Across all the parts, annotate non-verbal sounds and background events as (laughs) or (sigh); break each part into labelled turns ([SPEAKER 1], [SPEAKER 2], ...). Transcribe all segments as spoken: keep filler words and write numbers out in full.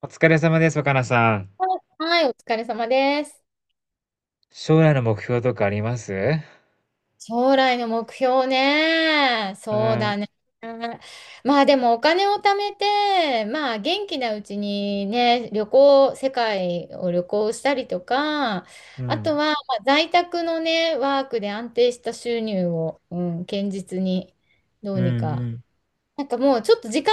[SPEAKER 1] お疲れ様です、若菜さん。
[SPEAKER 2] はい、お疲れ様です。
[SPEAKER 1] 将来の目標とかあります？
[SPEAKER 2] 将来の目標ね。
[SPEAKER 1] う
[SPEAKER 2] そうだ
[SPEAKER 1] ん、
[SPEAKER 2] ね。まあでもお金を貯めて、まあ元気なうちにね、旅行、世界を旅行したりとか、
[SPEAKER 1] う
[SPEAKER 2] あと
[SPEAKER 1] ん、
[SPEAKER 2] はまあ在宅のね、ワークで安定した収入を、うん、堅実にど
[SPEAKER 1] う
[SPEAKER 2] う
[SPEAKER 1] ん、
[SPEAKER 2] に
[SPEAKER 1] う
[SPEAKER 2] か。
[SPEAKER 1] ん。
[SPEAKER 2] なんかもうちょっと時間、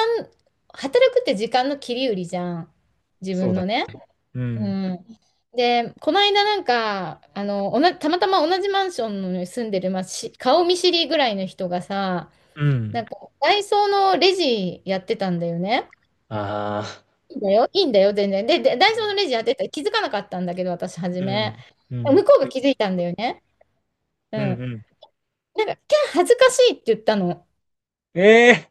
[SPEAKER 2] 働くって時間の切り売りじゃん。自
[SPEAKER 1] そう
[SPEAKER 2] 分
[SPEAKER 1] だ。
[SPEAKER 2] のね。
[SPEAKER 1] う
[SPEAKER 2] う
[SPEAKER 1] ん、
[SPEAKER 2] ん。で、この間なんか、あの、おな、たまたま同じマンションに住んでる、まあ、し、顔見知りぐらいの人がさ、
[SPEAKER 1] う
[SPEAKER 2] な
[SPEAKER 1] ん。
[SPEAKER 2] んか、ダイソーのレジやってたんだよね。
[SPEAKER 1] ああ。
[SPEAKER 2] いいんだよ、いいんだよ、全然。で、でダイソーのレジやってた、気づかなかったんだけど、私、初
[SPEAKER 1] う
[SPEAKER 2] め。
[SPEAKER 1] ん、う
[SPEAKER 2] 向
[SPEAKER 1] ん、
[SPEAKER 2] こうが気づいたんだよね。
[SPEAKER 1] う
[SPEAKER 2] う
[SPEAKER 1] ん、
[SPEAKER 2] ん。
[SPEAKER 1] うん。
[SPEAKER 2] なんか、キャー恥ずかしいって言ったの。
[SPEAKER 1] ええー。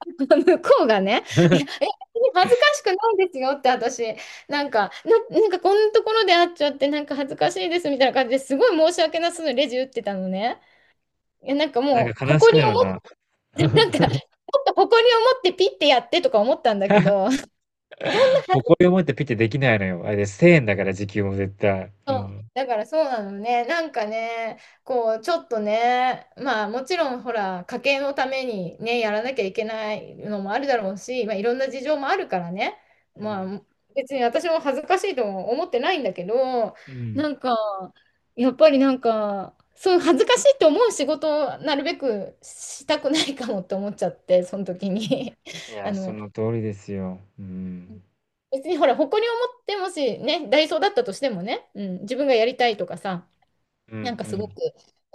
[SPEAKER 2] (laughs) 向こうがね、いや、
[SPEAKER 1] (laughs)
[SPEAKER 2] え、恥ずかしくないですよって私、なんか、な、なんかこんなところで会っちゃって、なんか恥ずかしいですみたいな感じですごい申し訳なさそうにレジ打ってたのね。いやなんか
[SPEAKER 1] なん
[SPEAKER 2] もう、
[SPEAKER 1] か悲し
[SPEAKER 2] 誇
[SPEAKER 1] くな
[SPEAKER 2] りを
[SPEAKER 1] る
[SPEAKER 2] 持っ
[SPEAKER 1] な。
[SPEAKER 2] て、なんか、ち
[SPEAKER 1] (laughs)
[SPEAKER 2] ょっと誇りを持ってピッてやってとか思ったんだけど、そんな恥ずか
[SPEAKER 1] 誇りを持ってピッてできないのよ。あれです。せんえんだから時給も絶対。う
[SPEAKER 2] そう
[SPEAKER 1] ん。
[SPEAKER 2] だからそうなのね。なんかね、こう、ちょっとね、まあもちろんほら、家計のためにね、やらなきゃいけないのもあるだろうし、まあいろんな事情もあるからね、
[SPEAKER 1] う
[SPEAKER 2] ま
[SPEAKER 1] ん。
[SPEAKER 2] あ別に私も恥ずかしいとも思ってないんだけど、
[SPEAKER 1] うん。
[SPEAKER 2] なんか、やっぱりなんか、そう恥ずかしいと思う仕事をなるべくしたくないかもって思っちゃって、その時に。(laughs)
[SPEAKER 1] い
[SPEAKER 2] あ
[SPEAKER 1] や、そ
[SPEAKER 2] の、
[SPEAKER 1] の通りですよ。うん。
[SPEAKER 2] 別にほら、誇りを持ってもしね、ダイソーだったとしてもね、うん、自分がやりたいとかさ、
[SPEAKER 1] うんう
[SPEAKER 2] なんかすご
[SPEAKER 1] ん。
[SPEAKER 2] く、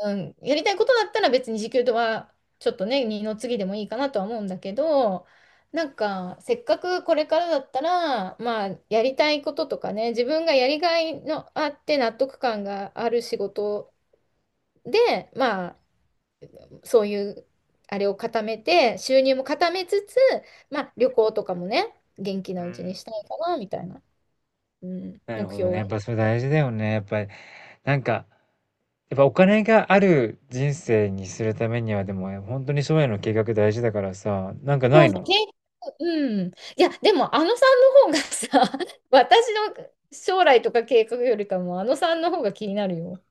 [SPEAKER 2] うん、やりたいことだったら別に時給とはちょっとね、二の次でもいいかなとは思うんだけど、なんかせっかくこれからだったら、まあやりたいこととかね、自分がやりがいのあって納得感がある仕事で、まあそういうあれを固めて、収入も固めつつ、まあ旅行とかもね、元気
[SPEAKER 1] う
[SPEAKER 2] なうちに
[SPEAKER 1] ん。
[SPEAKER 2] したいかなみたいな、うん、
[SPEAKER 1] なる
[SPEAKER 2] 目
[SPEAKER 1] ほど
[SPEAKER 2] 標
[SPEAKER 1] ね。
[SPEAKER 2] は
[SPEAKER 1] やっ
[SPEAKER 2] ね。
[SPEAKER 1] ぱそれ大事だよね。やっぱり、なんか、やっぱお金がある人生にするためには、でも本当に将来の計画大事だからさ、なんかな
[SPEAKER 2] そう
[SPEAKER 1] い
[SPEAKER 2] そう、
[SPEAKER 1] の？
[SPEAKER 2] 経うん。いや、でも、あのさんの方がさ、(laughs) 私の将来とか計画よりかも、あのさんの方が気になるよ。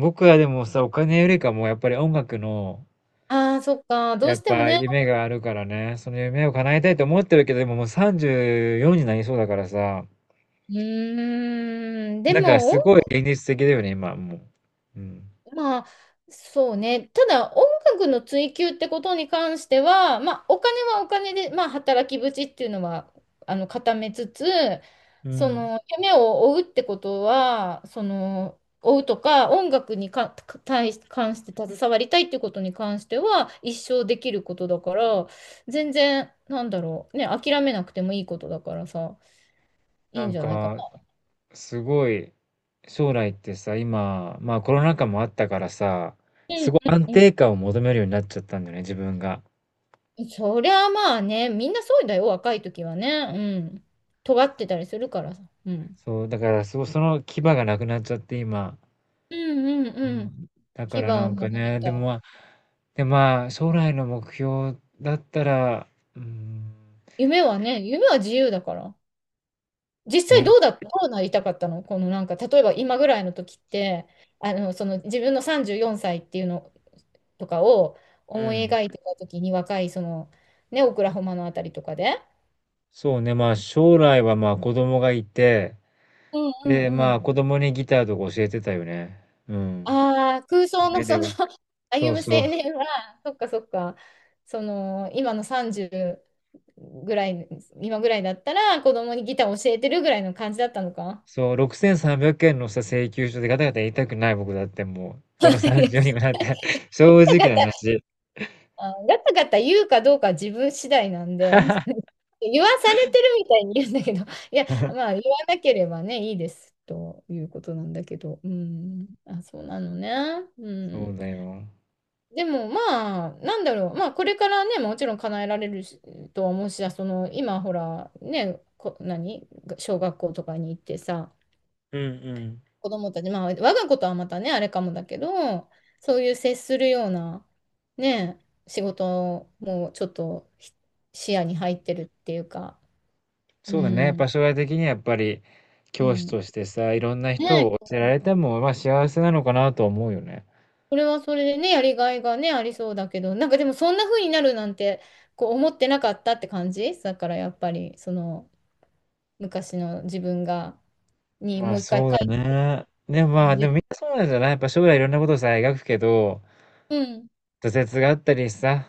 [SPEAKER 1] 僕はでもさ、お金よりかもやっぱり音楽の、
[SPEAKER 2] ああ、そっか。ど
[SPEAKER 1] や
[SPEAKER 2] う
[SPEAKER 1] っ
[SPEAKER 2] しても
[SPEAKER 1] ぱ
[SPEAKER 2] ね。
[SPEAKER 1] 夢があるからね、その夢を叶えたいと思ってるけど、でももうさんじゅうよんになりそうだからさ、
[SPEAKER 2] うーん。で
[SPEAKER 1] なんか
[SPEAKER 2] も、
[SPEAKER 1] すごい
[SPEAKER 2] 音
[SPEAKER 1] 現実的だよね、今もう。うん。
[SPEAKER 2] まあ、そうね。ただ、音楽の追求ってことに関しては、まあ、お金はお金で、まあ、働き口っていうのは、あの、固めつつ、
[SPEAKER 1] う
[SPEAKER 2] そ
[SPEAKER 1] ん。
[SPEAKER 2] の、夢を追うってことは、その、追うとか、音楽にか、か対し、関して携わりたいってことに関しては、一生できることだから、全然、なんだろう、ね、諦めなくてもいいことだからさ、い
[SPEAKER 1] な
[SPEAKER 2] いん
[SPEAKER 1] ん
[SPEAKER 2] じゃないかな。
[SPEAKER 1] かすごい、将来ってさ、今、まあコロナ禍もあったからさ、
[SPEAKER 2] う
[SPEAKER 1] す
[SPEAKER 2] ん
[SPEAKER 1] ごい安
[SPEAKER 2] うん、
[SPEAKER 1] 定感を求めるようになっちゃったんだよね、自分が。
[SPEAKER 2] そりゃまあね、みんなそうだよ、若い時はね。うん。尖ってたりするからさ。うん。
[SPEAKER 1] そう、だからそその牙がなくなっちゃって今。
[SPEAKER 2] うんうん
[SPEAKER 1] う
[SPEAKER 2] うん。
[SPEAKER 1] ん。だか
[SPEAKER 2] 牙
[SPEAKER 1] らな
[SPEAKER 2] を
[SPEAKER 1] んか
[SPEAKER 2] もがれ
[SPEAKER 1] ね、でも、ま
[SPEAKER 2] た。
[SPEAKER 1] あ、で、まあ、将来の目標だったら、うん、
[SPEAKER 2] 夢はね、夢は自由だから。実際ど
[SPEAKER 1] ね、
[SPEAKER 2] うだ、どうなりたかったのこのなんか、例えば今ぐらいの時って、あの、その自分のさんじゅうよんさいっていうのとかを
[SPEAKER 1] う
[SPEAKER 2] 思い
[SPEAKER 1] ん。
[SPEAKER 2] 描いてた時に若い、その、ね、オクラホマのあたりとかで。
[SPEAKER 1] そうね、まあ、将来はまあ、子供がいて、
[SPEAKER 2] う
[SPEAKER 1] で、
[SPEAKER 2] んう
[SPEAKER 1] まあ、
[SPEAKER 2] ん、
[SPEAKER 1] 子供にギターとか教えてたよね。うん。
[SPEAKER 2] ああ、空想の
[SPEAKER 1] 夢
[SPEAKER 2] そ
[SPEAKER 1] で
[SPEAKER 2] の
[SPEAKER 1] は。
[SPEAKER 2] (laughs)
[SPEAKER 1] そ
[SPEAKER 2] 歩
[SPEAKER 1] う
[SPEAKER 2] む
[SPEAKER 1] そう。
[SPEAKER 2] 青年は、そっかそっか、その今のさんじゅうぐらい、今ぐらいだったら子供にギター教えてるぐらいの感じだったのか。
[SPEAKER 1] そう、ろくせんさんびゃくえんのさ、請求書でガタガタ言いたくない僕だってもう、この
[SPEAKER 2] (laughs) いや
[SPEAKER 1] さんじゅうにもなって、(laughs) 正
[SPEAKER 2] ガタ
[SPEAKER 1] 直
[SPEAKER 2] ガ
[SPEAKER 1] な
[SPEAKER 2] タ、
[SPEAKER 1] 話。
[SPEAKER 2] あーガタガタ言うかどうかは自分次第なんで、
[SPEAKER 1] (laughs)
[SPEAKER 2] (laughs) 言わされてるみたいに言うんだけど、(laughs) いや、まあ言わなければね、いいですということなんだけど、うん、あ、そうなのね。う
[SPEAKER 1] そう
[SPEAKER 2] ん。
[SPEAKER 1] だよ。
[SPEAKER 2] でもまあ、なんだろう、まあこれからね、もちろん叶えられるしとは思うしさ、あその今ほら、ね、こ、何、小学校とかに行ってさ、
[SPEAKER 1] うんうん。
[SPEAKER 2] 子供たち、まあ我が子とはまたね、あれかもだけど、そういう接するような、ね、仕事もちょっとひ視野に入ってるっていうか、う
[SPEAKER 1] そうだね。場
[SPEAKER 2] ん、
[SPEAKER 1] 所が的にはやっぱり、
[SPEAKER 2] う
[SPEAKER 1] 教師
[SPEAKER 2] ん。
[SPEAKER 1] としてさ、いろんな人
[SPEAKER 2] ね、
[SPEAKER 1] を教えられても、まあ幸せなのかなとは思うよね。
[SPEAKER 2] それはそれでね、やりがいがね、ありそうだけど、なんかでもそんな風になるなんて、こう思ってなかったって感じだからやっぱり、その、昔の自分が、に
[SPEAKER 1] まあ
[SPEAKER 2] もう一回書
[SPEAKER 1] そうだ
[SPEAKER 2] い
[SPEAKER 1] ね。でもまあ、でも
[SPEAKER 2] て、
[SPEAKER 1] みんなそうなんじゃない？やっぱ将来いろんなことをさ、描くけど、
[SPEAKER 2] うん、
[SPEAKER 1] 挫折があったりさ、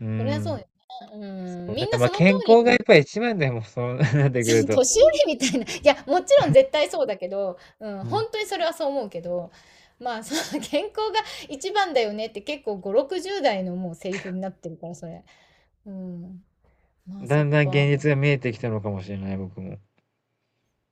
[SPEAKER 1] う
[SPEAKER 2] そりゃそ
[SPEAKER 1] ん。
[SPEAKER 2] うよね。う
[SPEAKER 1] そ
[SPEAKER 2] ん、
[SPEAKER 1] う
[SPEAKER 2] み
[SPEAKER 1] だ
[SPEAKER 2] ん
[SPEAKER 1] から、
[SPEAKER 2] な
[SPEAKER 1] まあ
[SPEAKER 2] その通
[SPEAKER 1] 健
[SPEAKER 2] り
[SPEAKER 1] 康がやっ
[SPEAKER 2] に、(laughs)
[SPEAKER 1] ぱり一番だよ、もうそう (laughs) なってく
[SPEAKER 2] そ
[SPEAKER 1] る
[SPEAKER 2] の
[SPEAKER 1] と。
[SPEAKER 2] 年寄りみたいな、いや、もちろん絶対そうだけど、うん、
[SPEAKER 1] うん。
[SPEAKER 2] 本当にそれはそう思うけど、まあ、その健康が一番だよねって結構ご、ろくじゅうだい代のもうセリフになってるから、それ。うん、まあ、そ
[SPEAKER 1] だ
[SPEAKER 2] っ
[SPEAKER 1] んだん
[SPEAKER 2] か。
[SPEAKER 1] 現実が見えてきたのかもしれない、僕も。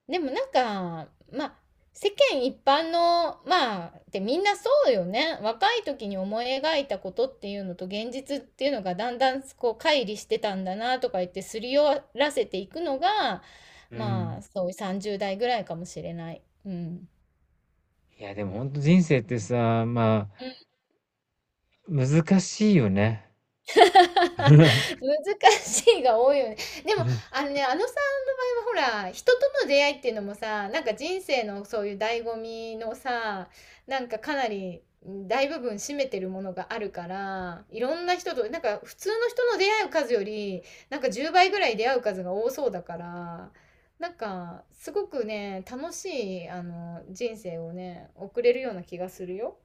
[SPEAKER 2] でもなんか、まあ、世間一般の、まあ、ってみんなそうよね。若い時に思い描いたことっていうのと現実っていうのがだんだんこう乖離してたんだなとか言ってすり寄らせていくのが、
[SPEAKER 1] う
[SPEAKER 2] ま
[SPEAKER 1] ん。
[SPEAKER 2] あ、そういうさんじゅうだい代ぐらいかもしれない。うん。
[SPEAKER 1] いや、でも本当人生ってさ、まあ、難しいよね。
[SPEAKER 2] (laughs)
[SPEAKER 1] (laughs)
[SPEAKER 2] 難しいが多いよね。でも、あのね、あのさんの場合はほら、人との出会いっていうのもさ、なんか人生のそういう醍醐味のさ、なんかかなり大部分占めてるものがあるから、いろんな人と、なんか普通の人の出会う数より、なんかじゅうばいぐらい出会う数が多そうだから、なんかすごくね、楽しい、あの、人生をね、送れるような気がするよ。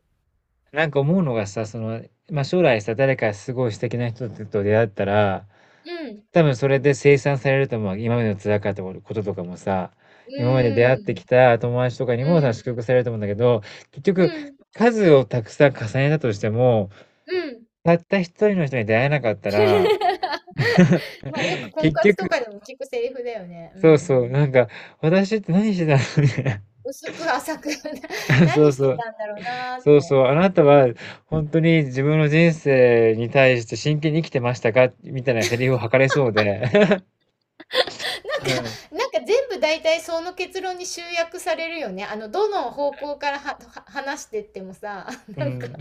[SPEAKER 1] なんか思うのがさ、その、まあ、将来さ、誰かすごい素敵な人と出会ったら、
[SPEAKER 2] うん、
[SPEAKER 1] 多分それで清算されると思う。今までの辛かったこととかもさ、
[SPEAKER 2] う
[SPEAKER 1] 今まで出会ってき
[SPEAKER 2] ん、
[SPEAKER 1] た友達とかにも
[SPEAKER 2] う
[SPEAKER 1] さ、
[SPEAKER 2] ん、
[SPEAKER 1] 祝福されると思うんだけど、結局、
[SPEAKER 2] うん、
[SPEAKER 1] 数をたくさん重ねたとしても、
[SPEAKER 2] うん。
[SPEAKER 1] たった一人の人に出会えなかったら、
[SPEAKER 2] (laughs)
[SPEAKER 1] (laughs)
[SPEAKER 2] まあ、よく婚
[SPEAKER 1] 結
[SPEAKER 2] 活と
[SPEAKER 1] 局、
[SPEAKER 2] かでも聞くセリフだよね。う
[SPEAKER 1] そうそう、
[SPEAKER 2] ん。
[SPEAKER 1] なんか、私って何してたのみたいな。
[SPEAKER 2] 薄く浅く (laughs)
[SPEAKER 1] (laughs) そ
[SPEAKER 2] 何
[SPEAKER 1] う
[SPEAKER 2] し
[SPEAKER 1] そ
[SPEAKER 2] て
[SPEAKER 1] う。
[SPEAKER 2] たんだろうなーっ
[SPEAKER 1] そう
[SPEAKER 2] て。
[SPEAKER 1] そう、あなたは本当に自分の人生に対して真剣に生きてましたかみたいなセリフを吐かれそうで。(laughs) うん。
[SPEAKER 2] なんか全部大体その結論に集約されるよね。あの、どの方向からはは話してってもさ、(laughs)
[SPEAKER 1] う
[SPEAKER 2] なんか
[SPEAKER 1] ん。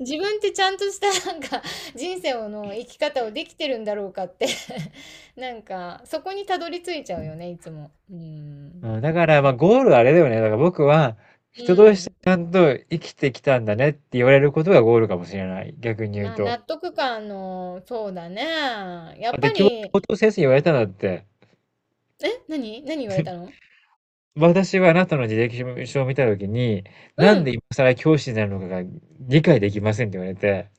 [SPEAKER 2] 自分ってちゃんとしたなんか人生の生き方をできてるんだろうかって (laughs) なんかそこにたどり着いちゃうよね、いつも。うん。
[SPEAKER 1] うんだか
[SPEAKER 2] ま
[SPEAKER 1] ら、まあ、
[SPEAKER 2] あ、
[SPEAKER 1] ゴールはあれだよね。だから僕は、
[SPEAKER 2] う
[SPEAKER 1] 人として
[SPEAKER 2] ん。
[SPEAKER 1] ちゃんと生きてきたんだねって言われることがゴールかもしれない。逆に言う
[SPEAKER 2] まあ、
[SPEAKER 1] と。
[SPEAKER 2] 納得感の、そうだね。や
[SPEAKER 1] あ、
[SPEAKER 2] っ
[SPEAKER 1] で、
[SPEAKER 2] ぱ
[SPEAKER 1] 教教
[SPEAKER 2] り、
[SPEAKER 1] 頭先生に言われたんだって。
[SPEAKER 2] え、何何言われたの？
[SPEAKER 1] 私はあなたの履歴書を見たときに、な
[SPEAKER 2] う
[SPEAKER 1] んで
[SPEAKER 2] ん。
[SPEAKER 1] 今更教師になるのかが理解できませんって言われて。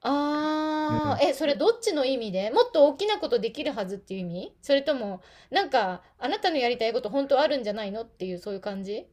[SPEAKER 2] あー、え、それどっちの意味？でもっと大きなことできるはずっていう意味？それとも、なんか、あなたのやりたいこと本当あるんじゃないのっていう、そういう感じ？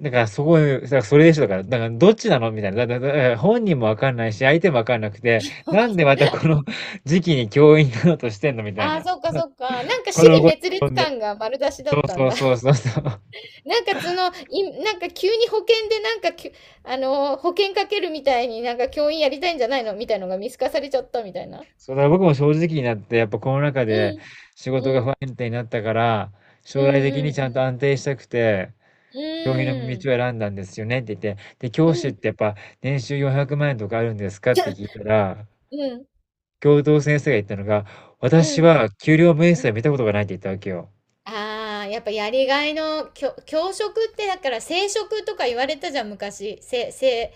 [SPEAKER 1] だからすごい、だからそれでしょ、だから、だからどっちなのみたいな。だだだ本人もわかんないし、相手もわかんなくて、なんでまた
[SPEAKER 2] (laughs)
[SPEAKER 1] この (laughs) 時期に教員になろうとしてんのみたい
[SPEAKER 2] ああ、
[SPEAKER 1] な。
[SPEAKER 2] そっかそっか。なんか
[SPEAKER 1] こ
[SPEAKER 2] 支
[SPEAKER 1] の
[SPEAKER 2] 離
[SPEAKER 1] 後に
[SPEAKER 2] 滅裂
[SPEAKER 1] 飛んで。
[SPEAKER 2] 感が丸出しだ
[SPEAKER 1] そ
[SPEAKER 2] っ
[SPEAKER 1] う
[SPEAKER 2] たん
[SPEAKER 1] そう
[SPEAKER 2] だ。
[SPEAKER 1] そう
[SPEAKER 2] (laughs)
[SPEAKER 1] そうそう。
[SPEAKER 2] なんかその、い、なんか急に保険でなんかきゅ、あのー、保険かけるみたいになんか教員やりたいんじゃないのみたいのが見透かされちゃったみたいな。
[SPEAKER 1] そうだから僕も正直になって、やっぱこの中
[SPEAKER 2] う
[SPEAKER 1] で
[SPEAKER 2] ん。
[SPEAKER 1] 仕事が
[SPEAKER 2] う
[SPEAKER 1] 不
[SPEAKER 2] ん。
[SPEAKER 1] 安定になったから、
[SPEAKER 2] う
[SPEAKER 1] 将来
[SPEAKER 2] ん
[SPEAKER 1] 的に
[SPEAKER 2] う
[SPEAKER 1] ちゃんと
[SPEAKER 2] ん
[SPEAKER 1] 安定したくて、
[SPEAKER 2] うん。う
[SPEAKER 1] 教員の道
[SPEAKER 2] ーん。
[SPEAKER 1] を選んだんですよねって言って、で、
[SPEAKER 2] う
[SPEAKER 1] 教師っ
[SPEAKER 2] ん。
[SPEAKER 1] てやっぱ年収よんひゃくまん円とかあるんですかって聞い
[SPEAKER 2] (laughs)
[SPEAKER 1] たら、
[SPEAKER 2] うん。
[SPEAKER 1] 教頭先生が言ったのが、
[SPEAKER 2] う
[SPEAKER 1] 私
[SPEAKER 2] ん。
[SPEAKER 1] は給料明
[SPEAKER 2] う
[SPEAKER 1] 細見
[SPEAKER 2] ん。
[SPEAKER 1] たことがないって言ったわけよ。
[SPEAKER 2] ああ、やっぱやりがいの、教教職ってだから正職とか言われたじゃん、昔。せ、せ、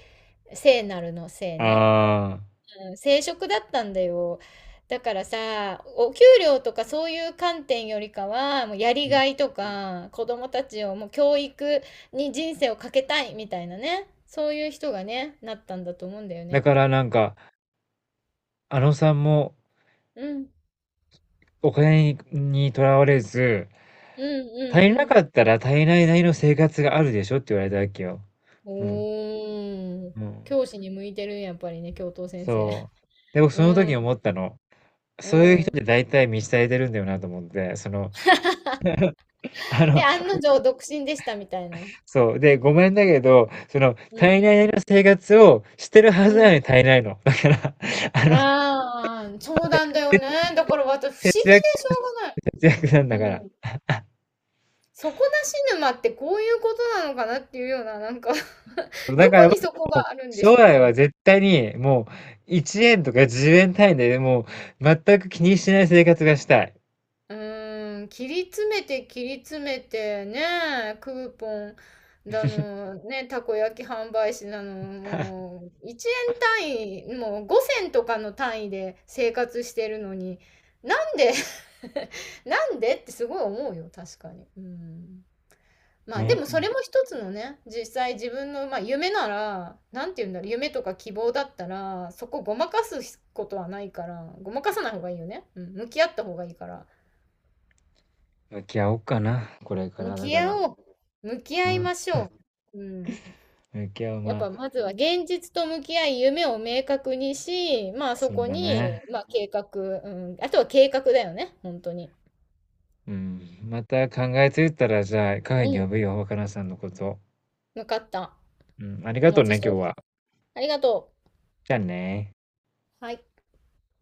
[SPEAKER 2] 聖なるの聖ね。
[SPEAKER 1] ああ、
[SPEAKER 2] うん、正職だったんだよ。だからさ、お給料とかそういう観点よりかは、もうやりがいとか、子供たちをもう教育に人生をかけたいみたいなね。そういう人がね、なったんだと思うんだよ
[SPEAKER 1] だ
[SPEAKER 2] ね。
[SPEAKER 1] からなんか、あのさんも
[SPEAKER 2] うん。
[SPEAKER 1] お金にとらわれず、
[SPEAKER 2] うん
[SPEAKER 1] 足
[SPEAKER 2] うん
[SPEAKER 1] り
[SPEAKER 2] う
[SPEAKER 1] な
[SPEAKER 2] ん。
[SPEAKER 1] かったら足りないなりの生活があるでしょって言われたわけよ。うん。
[SPEAKER 2] おー。
[SPEAKER 1] うん。
[SPEAKER 2] 教師に向いてるんやっぱりね、教頭先生。
[SPEAKER 1] そう。で、僕
[SPEAKER 2] う
[SPEAKER 1] その時に思
[SPEAKER 2] ん。
[SPEAKER 1] ったの。
[SPEAKER 2] う
[SPEAKER 1] そういう
[SPEAKER 2] ん。
[SPEAKER 1] 人って大体満ち足りてるんだよなと思って、その、あの、
[SPEAKER 2] で、案の定独身でしたみたいな。う
[SPEAKER 1] そう。で、ごめんだけど、その、足
[SPEAKER 2] ん。
[SPEAKER 1] りないなりの生活をしてるは
[SPEAKER 2] う
[SPEAKER 1] ずなのに
[SPEAKER 2] ん。
[SPEAKER 1] 足りないの。だから、あの、
[SPEAKER 2] ああ、そうなんだよね。だから
[SPEAKER 1] 節
[SPEAKER 2] 私不思議
[SPEAKER 1] 約
[SPEAKER 2] でしょうが
[SPEAKER 1] 節約なんだか
[SPEAKER 2] ない。
[SPEAKER 1] ら。
[SPEAKER 2] うん。底なし沼ってこういうことなのかなっていうような、なんか (laughs)
[SPEAKER 1] だ
[SPEAKER 2] どこ
[SPEAKER 1] から僕、
[SPEAKER 2] にそこがあるんでし
[SPEAKER 1] 将
[SPEAKER 2] ょう
[SPEAKER 1] 来
[SPEAKER 2] か？
[SPEAKER 1] は絶対にもういちえんとかじゅうえん単位でもう全く気にしない生活がしたい。
[SPEAKER 2] うーん、切り詰めて切り詰めてね、クーポンだの、ね、たこ焼き販売士なの、もういちえん単位、もうご銭とかの単位で生活してるのに、なんで？ (laughs) なんでってすごい思うよ、確かに。うん。まあでもそ
[SPEAKER 1] ね。
[SPEAKER 2] れも一つのね、実際自分の、まあ、夢なら、なんて言うんだろう、夢とか希望だったら、そこごまかすことはないから、ごまかさない方がいいよね。うん、向き合った方がいいから。
[SPEAKER 1] 向き合おうかな、これか
[SPEAKER 2] 向
[SPEAKER 1] ら。だ
[SPEAKER 2] き
[SPEAKER 1] か
[SPEAKER 2] 合
[SPEAKER 1] ら。
[SPEAKER 2] おう。向き
[SPEAKER 1] う
[SPEAKER 2] 合い
[SPEAKER 1] ん。
[SPEAKER 2] ましょう。うん。
[SPEAKER 1] 向き合う、
[SPEAKER 2] やっ
[SPEAKER 1] まあ、
[SPEAKER 2] ぱまずは現実と向き合い、夢を明確にし、まあそ
[SPEAKER 1] そう
[SPEAKER 2] こ
[SPEAKER 1] だね。
[SPEAKER 2] に、まあ計画、うん。あとは計画だよね、本当に。
[SPEAKER 1] うん。また考えついたら、じゃあ、カフェ
[SPEAKER 2] う
[SPEAKER 1] に
[SPEAKER 2] ん。
[SPEAKER 1] 呼ぶよ、若菜さんのこと。
[SPEAKER 2] 分かった。
[SPEAKER 1] うん。ありが
[SPEAKER 2] お
[SPEAKER 1] とう
[SPEAKER 2] 待ちし
[SPEAKER 1] ね、
[SPEAKER 2] てお
[SPEAKER 1] 今日
[SPEAKER 2] りま
[SPEAKER 1] は。
[SPEAKER 2] す。ありがと
[SPEAKER 1] じゃあね。
[SPEAKER 2] う。はい。